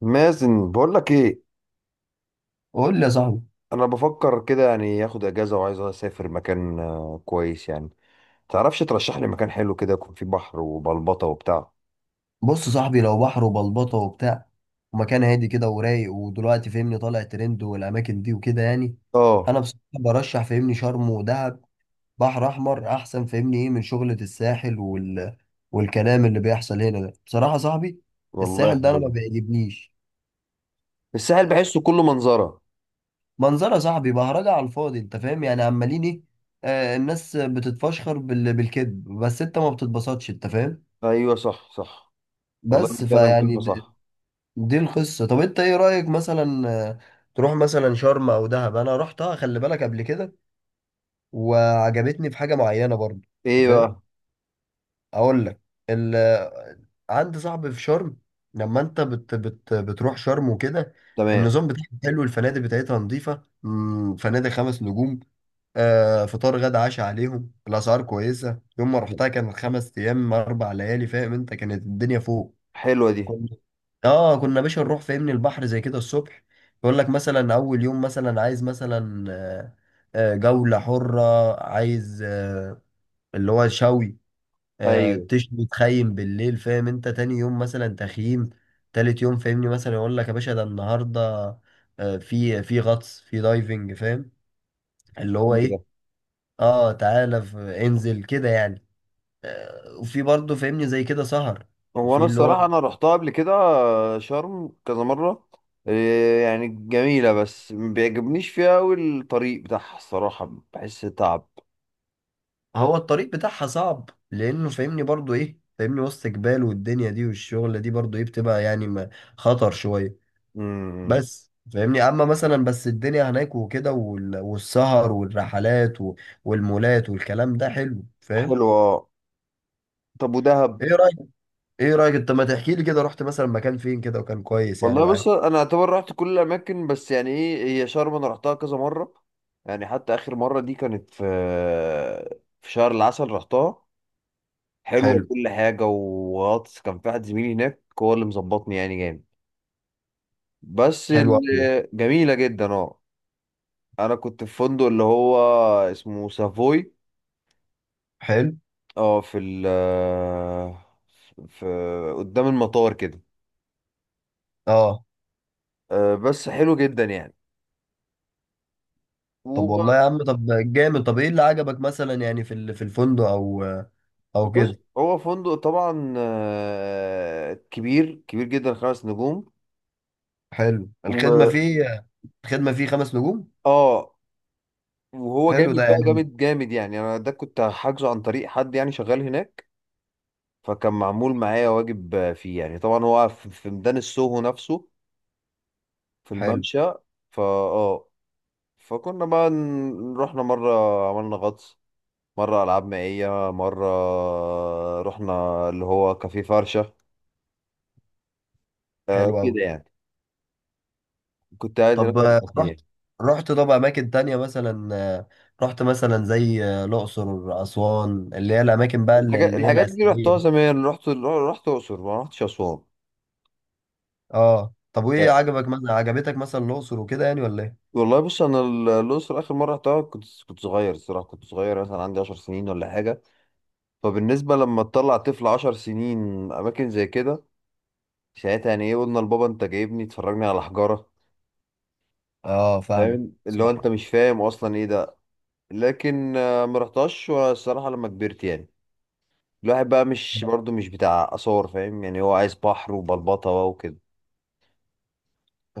مازن، بقول لك ايه. قول لي يا صاحبي. انا بفكر كده يعني اخد اجازه وعايز اسافر مكان كويس يعني. تعرفش ترشح لي مكان حلو كده يكون فيه بحر وبلبطه وبتاع؟ بص يا صاحبي، لو بحر وبلبطه وبتاع ومكان هادي كده ورايق، ودلوقتي فهمني طالع ترند والاماكن دي وكده يعني. اه، انا بصراحه برشح فهمني شرم ودهب. بحر احمر احسن فهمني. ايه من شغله الساحل وال... والكلام اللي بيحصل هنا ده بصراحه يا صاحبي، والله الساحل ده انا حلو. ما بيعجبنيش. الساحل بحسه كله منظره. منظره يا صاحبي، بهرجه على الفاضي، انت فاهم يعني، عمالين ايه. آه الناس بتتفشخر بالكذب، بس انت ما بتتبسطش، انت فاهم. ايوه، صح صح. والله بس دي فعلا فيعني كلمه صح. دي القصة. طب انت ايه رأيك؟ مثلا تروح مثلا شرم او دهب. انا رحتها خلي بالك قبل كده، وعجبتني في حاجة معينة برضو، انت ايه فاهم. بقى؟ اقول لك، ال... آه، عندي صاحبي في شرم. لما انت بتروح شرم وكده، تمام. النظام بتاعها حلو، الفنادق بتاعتها نظيفة، فنادق 5 نجوم. آه فطار غدا عشاء عليهم، الاسعار كويسة. يوم ما رحتها كانت 5 ايام 4 ليالي، فاهم انت، كانت الدنيا فوق. حلوه دي. كنا اه كنا يا باشا نروح فاهمني البحر زي كده الصبح. يقول لك مثلا اول يوم مثلا عايز مثلا جولة حرة. عايز اللي هو شوي، ايوه، تشوي تخيم بالليل، فاهم انت. تاني يوم مثلا تخييم، تالت يوم فاهمني مثلا يقول لك يا باشا ده النهارده في غطس في دايفنج، فاهم. اللي هو حلو ايه، ده. اه تعالى انزل كده يعني. وفي برضه فاهمني زي كده سهر هو انا في اللي هو. الصراحه انا رحتها قبل كده شرم كذا مره. إيه يعني، جميله، بس ما بيعجبنيش فيها قوي. الطريق بتاعها الصراحه بحس تعب. هو الطريق بتاعها صعب، لانه فاهمني برضو ايه، فاهمني وسط جبال، والدنيا دي والشغلة دي برضو ايه بتبقى يعني خطر شوية. امم. بس فاهمني، اما مثلا، بس الدنيا هناك وكده والسهر والرحلات والمولات والكلام ده حلو، فاهم. حلو اه. طب ودهب؟ ايه رأيك ايه رأيك انت ما تحكي لي كده رحت مثلا مكان فين كده وكان كويس يعني والله بص، معاك. انا اعتبر رحت كل الاماكن، بس يعني ايه، هي شرم انا رحتها كذا مره. يعني حتى اخر مره دي كانت في شهر العسل رحتها. حلوه حلو. كل حاجه، وغطس كان في واحد زميلي هناك هو اللي مظبطني يعني، جامد. بس حلو أوي ده. جميله جدا اه. انا كنت في فندق اللي هو اسمه سافوي. حلو اه، في ال، في قدام المطار كده. اه. بس حلو جدا طب يعني. والله يا عم، طب جامد. طب ايه اللي عجبك مثلا، يعني في في الفندق او او بص، كده؟ هو فندق طبعا كبير كبير جدا، 5 نجوم. حلو الخدمة و فيه. الخدمة فيه 5 نجوم، اه، وهو حلو ده جامد بقى، يعني. جامد جامد يعني. انا ده كنت حاجزه عن طريق حد يعني شغال هناك، فكان معمول معايا واجب فيه. يعني طبعا هو في ميدان السوهو نفسه، في حلو، الممشى. فا اه، فكنا بقى رحنا مرة عملنا غطس، مرة ألعاب مائية، مرة رحنا اللي هو كافيه فرشة، حلو أوي. كده يعني. كنت قاعد هناك طب أربع رحت أيام رحت طب أماكن تانية مثلا، رحت مثلا زي الأقصر أسوان، اللي هي الأماكن بقى اللي الحاجات اللي هي الحاجات دي الأثرية رحتها دي. زمان، رحت الاقصر، ما رحتش اسوان. اه طب، وإيه آه، عجبك مثلا، عجبتك مثلا الأقصر وكده يعني ولا إيه؟ والله بص، انا الاقصر اخر مره رحتها كنت صغير الصراحه. كنت صغير مثلا، عندي 10 سنين ولا حاجه. فبالنسبه لما تطلع طفل 10 سنين، اماكن زي كده ساعتها يعني ايه؟ قلنا لبابا، انت جايبني تفرجني على حجاره؟ اه فاهمك. فاهم اللي هو صح انت مش فاهم اصلا ايه ده. لكن ما رحتهاش الصراحه لما كبرت يعني. الواحد بقى مش برضه مش بتاع اثار فاهم، يعني هو عايز بحر وبلبطه بقى وكده.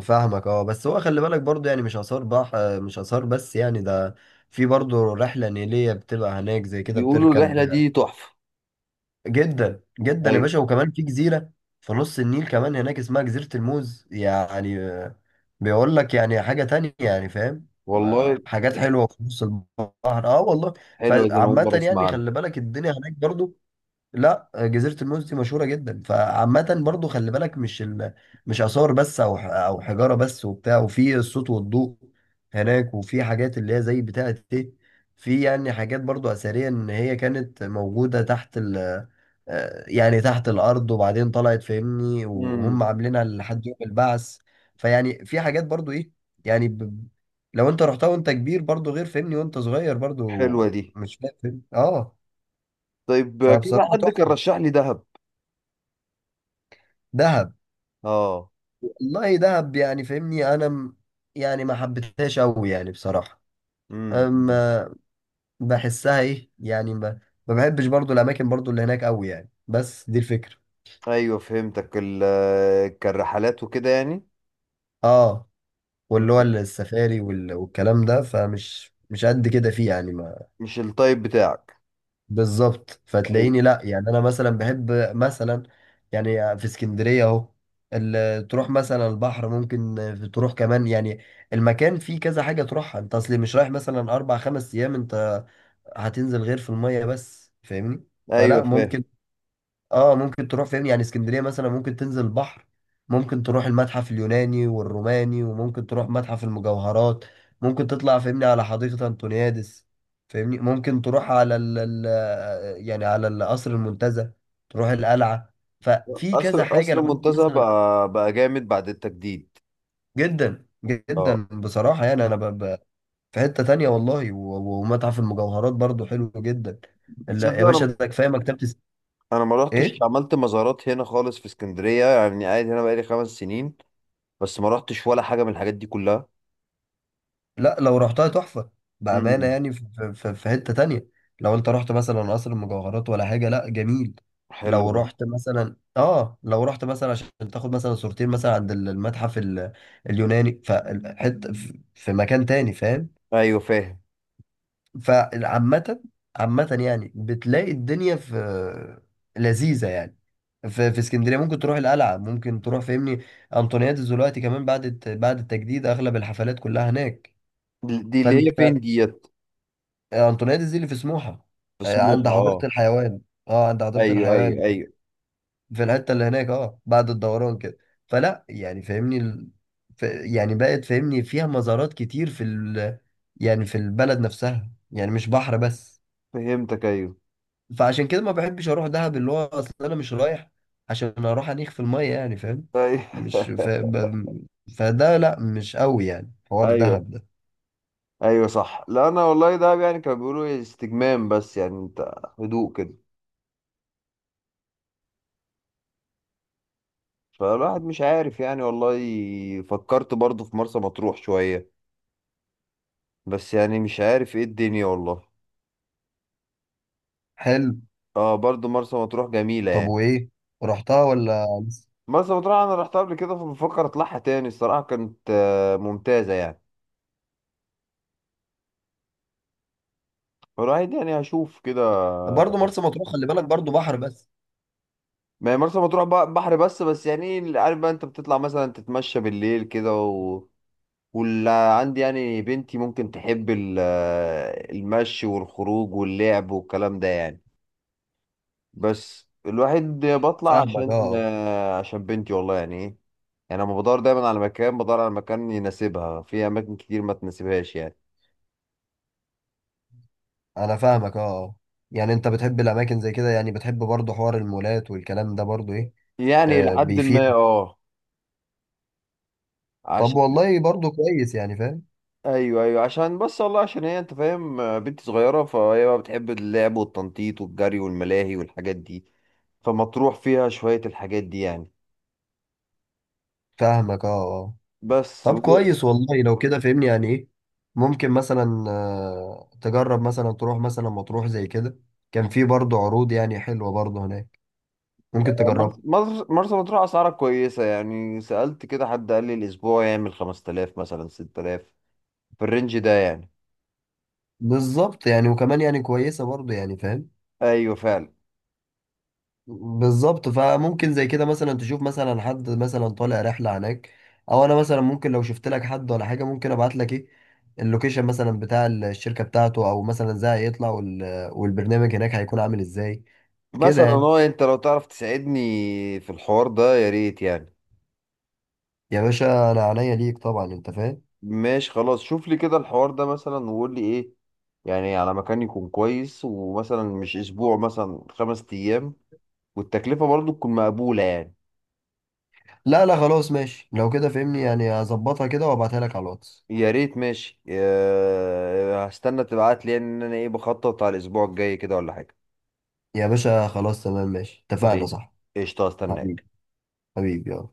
فاهمك اه. بس هو خلي بالك برضو يعني مش آثار بس يعني ده. في برضو رحلة نيلية بتبقى هناك زي كده بيقولوا بتركب، الرحله دي تحفه. جدا جدا يا أيوة، باشا. وكمان في جزيرة في نص النيل كمان هناك اسمها جزيرة الموز يعني، بيقول لك يعني حاجة تانية يعني، فاهم. والله حاجات حلوة في نص البحر، اه والله. حلوة دي، أنا أول فعامة مرة أسمع يعني عنها. خلي بالك الدنيا هناك برضو. لا، جزيرة الموز دي مشهورة جدا. فعامة برضو خلي بالك، مش مش آثار بس، أو أو حجارة بس وبتاع، وفي الصوت والضوء هناك، وفي حاجات اللي هي زي بتاعة إيه. في يعني حاجات برضو أثرية، إن هي كانت موجودة تحت ال... آه، يعني تحت الأرض، وبعدين طلعت فاهمني، وهم امم. عاملينها لحد يوم البعث. فيعني في حاجات برضو إيه، يعني لو أنت رحتها وأنت كبير برضو غير فاهمني وأنت صغير برضو. حلوة دي. مش فاهم اه. طيب، كذا فبصراحة حد كان تحفة. رشح لي دهب. دهب، أه. والله دهب يعني فاهمني يعني ما حبيتهاش قوي يعني بصراحه. امم، أمم. اما بحسها ايه يعني ما بحبش برضو الاماكن برضو اللي هناك قوي يعني، بس دي الفكره. أيوه فهمتك، ال كان رحلات وكده يعني. اه، أمم. واللي هو السفاري والكلام ده، فمش مش قد كده فيه يعني. مش التايب بتاعك. بالظبط، طيب. فتلاقيني لا يعني، انا مثلا بحب مثلا يعني، في اسكندريه اهو تروح مثلا البحر، ممكن تروح كمان يعني. المكان فيه كذا حاجه تروحها، انت اصلي مش رايح مثلا اربع خمس ايام انت هتنزل غير في الميه بس، فاهمني. أيوه فلا فاهم. ممكن اه، ممكن تروح فين يعني؟ اسكندرية مثلا ممكن تنزل البحر، ممكن تروح المتحف اليوناني والروماني، وممكن تروح متحف المجوهرات، ممكن تطلع فاهمني على حديقة انطونيادس، فاهمني ممكن تروح على ال يعني على القصر المنتزه، تروح القلعة. ففي قصر كذا حاجة قصر لو انت المنتزه مثلا. بقى جامد بعد التجديد. جدا جدا أه. بصراحة، يعني في حتة تانية والله، ومتحف المجوهرات برضو حلو جدا. لا يا تصدق، باشا أنا ده كفايه أنا ما رحتش ايه. عملت مزارات هنا خالص في اسكندرية. يعني قاعد هنا بقالي 5 سنين، بس ما رحتش ولا حاجة من الحاجات دي كلها. لا لو رحتها تحفة، بأمانة امم. يعني، في حتة تانية. لو انت رحت مثلا قصر المجوهرات ولا حاجة، لا جميل. حلو لو ده. رحت مثلا اه، لو رحت مثلا عشان تاخد مثلا صورتين مثلا عند المتحف اليوناني، فحتة في مكان تاني، فاهم. أيوه فاهم. فعامة، عامة يعني بتلاقي الدنيا في لذيذة يعني. في اسكندريه ممكن تروح القلعه، ممكن تروح فاهمني انطونيادس، دلوقتي كمان بعد بعد التجديد اغلب الحفلات كلها هناك. دي اللي هي فين دي؟ انطونيادس دي اللي في سموحه، عند مسموحة حديقه اه. الحيوان، اه عند حديقه ايوه الحيوان، ايوه ايوه. في الحته اللي هناك اه بعد الدوران كده. فلا يعني فاهمني يعني بقت فاهمني فيها مزارات كتير في يعني في البلد نفسها، يعني مش بحر بس. فهمتك ايوه. فعشان كده ما بحبش اروح دهب، اللي هو اصل انا مش رايح عشان اروح انيخ في الميه، يعني فاهم. ايوه. مش ف... ب... فده لا، مش قوي يعني حوار ايوه دهب ده. ايوه، صح. لا انا والله ده يعني كانوا بيقولوا إيه، استجمام، بس يعني انت هدوء كده. فالواحد مش عارف يعني، والله. فكرت برضه في مرسى مطروح شوية، بس يعني مش عارف ايه الدنيا والله. حلو. اه، برضه مرسى مطروح جميلة طب يعني. وايه، رحتها ولا؟ مرسى مطروح انا رحتها قبل كده، فبفكر اطلعها تاني. الصراحة كانت ممتازة يعني. فالواحد يعني هشوف كده. برضه مرسى مطروح خلي بالك برضه بحر بس. ما هي مرسى مطروح بقى بحر بس، بس يعني إيه، عارف بقى، انت بتطلع مثلا تتمشى بالليل كده، و... واللي عندي يعني بنتي ممكن تحب المشي والخروج واللعب والكلام ده يعني. بس الواحد بطلع فاهمك عشان اه. عشان بنتي، والله يعني ايه. يعني انا بدور دايما على مكان، بدور على مكان يناسبها. في اماكن كتير ما تناسبهاش يعني. انا فاهمك اه. يعني انت بتحب الاماكن زي كده يعني، بتحب برضه حوار المولات والكلام ده برضه ايه. يعني آه لحد بيفيد. ما اه، طب عشان. والله برضه كويس يعني فاهم. ايوه ايوه عشان، بس والله عشان هي انت فاهم بنت صغيره، فهي بقى بتحب اللعب والتنطيط والجري والملاهي والحاجات دي. فمطروح فيها شويه الحاجات دي يعني. فاهمك اه، اه. بس طب كويس والله، لو كده فهمني يعني ايه ممكن مثلا، تجرب مثلا تروح مثلا مطروح زي كده. كان في برضه عروض يعني حلوة برضه هناك، ممكن تجربها. مرسى مطروح اسعارها كويسه يعني. سالت كده حد قال لي الاسبوع يعمل 5000، مثلا 6000، في الرينج ده يعني. بالظبط يعني، وكمان يعني كويسة برضه، يعني فاهم. ايوه فعلا. بالظبط، فممكن زي كده مثلا تشوف مثلا حد مثلا طالع رحلة هناك، او انا مثلا ممكن لو شفت لك حد ولا حاجة ممكن ابعت لك ايه اللوكيشن مثلا بتاع الشركة بتاعته، او مثلا ازاي هيطلع والبرنامج هناك هيكون عامل ازاي كده مثلا يعني. هو انت لو تعرف تساعدني في الحوار ده يا ريت يعني. يا باشا انا عينيا ليك طبعا، انت فاهم. ماشي خلاص، شوف لي كده الحوار ده مثلا، وقول لي ايه يعني على مكان يكون كويس، ومثلا مش اسبوع، مثلا 5 ايام، والتكلفة برضو تكون مقبولة يعني. لا لا خلاص ماشي، لو كده فهمني يعني هظبطها كده وابعتها لك على الواتس. يا ريت، ماشي هستنى تبعت لي يعني، ان انا ايه بخطط على الاسبوع الجاي كده ولا حاجة. يا باشا خلاص تمام، ماشي اتفقنا طيب، صح. قشطة، حبيبي، هستناك. حبيبي يلا.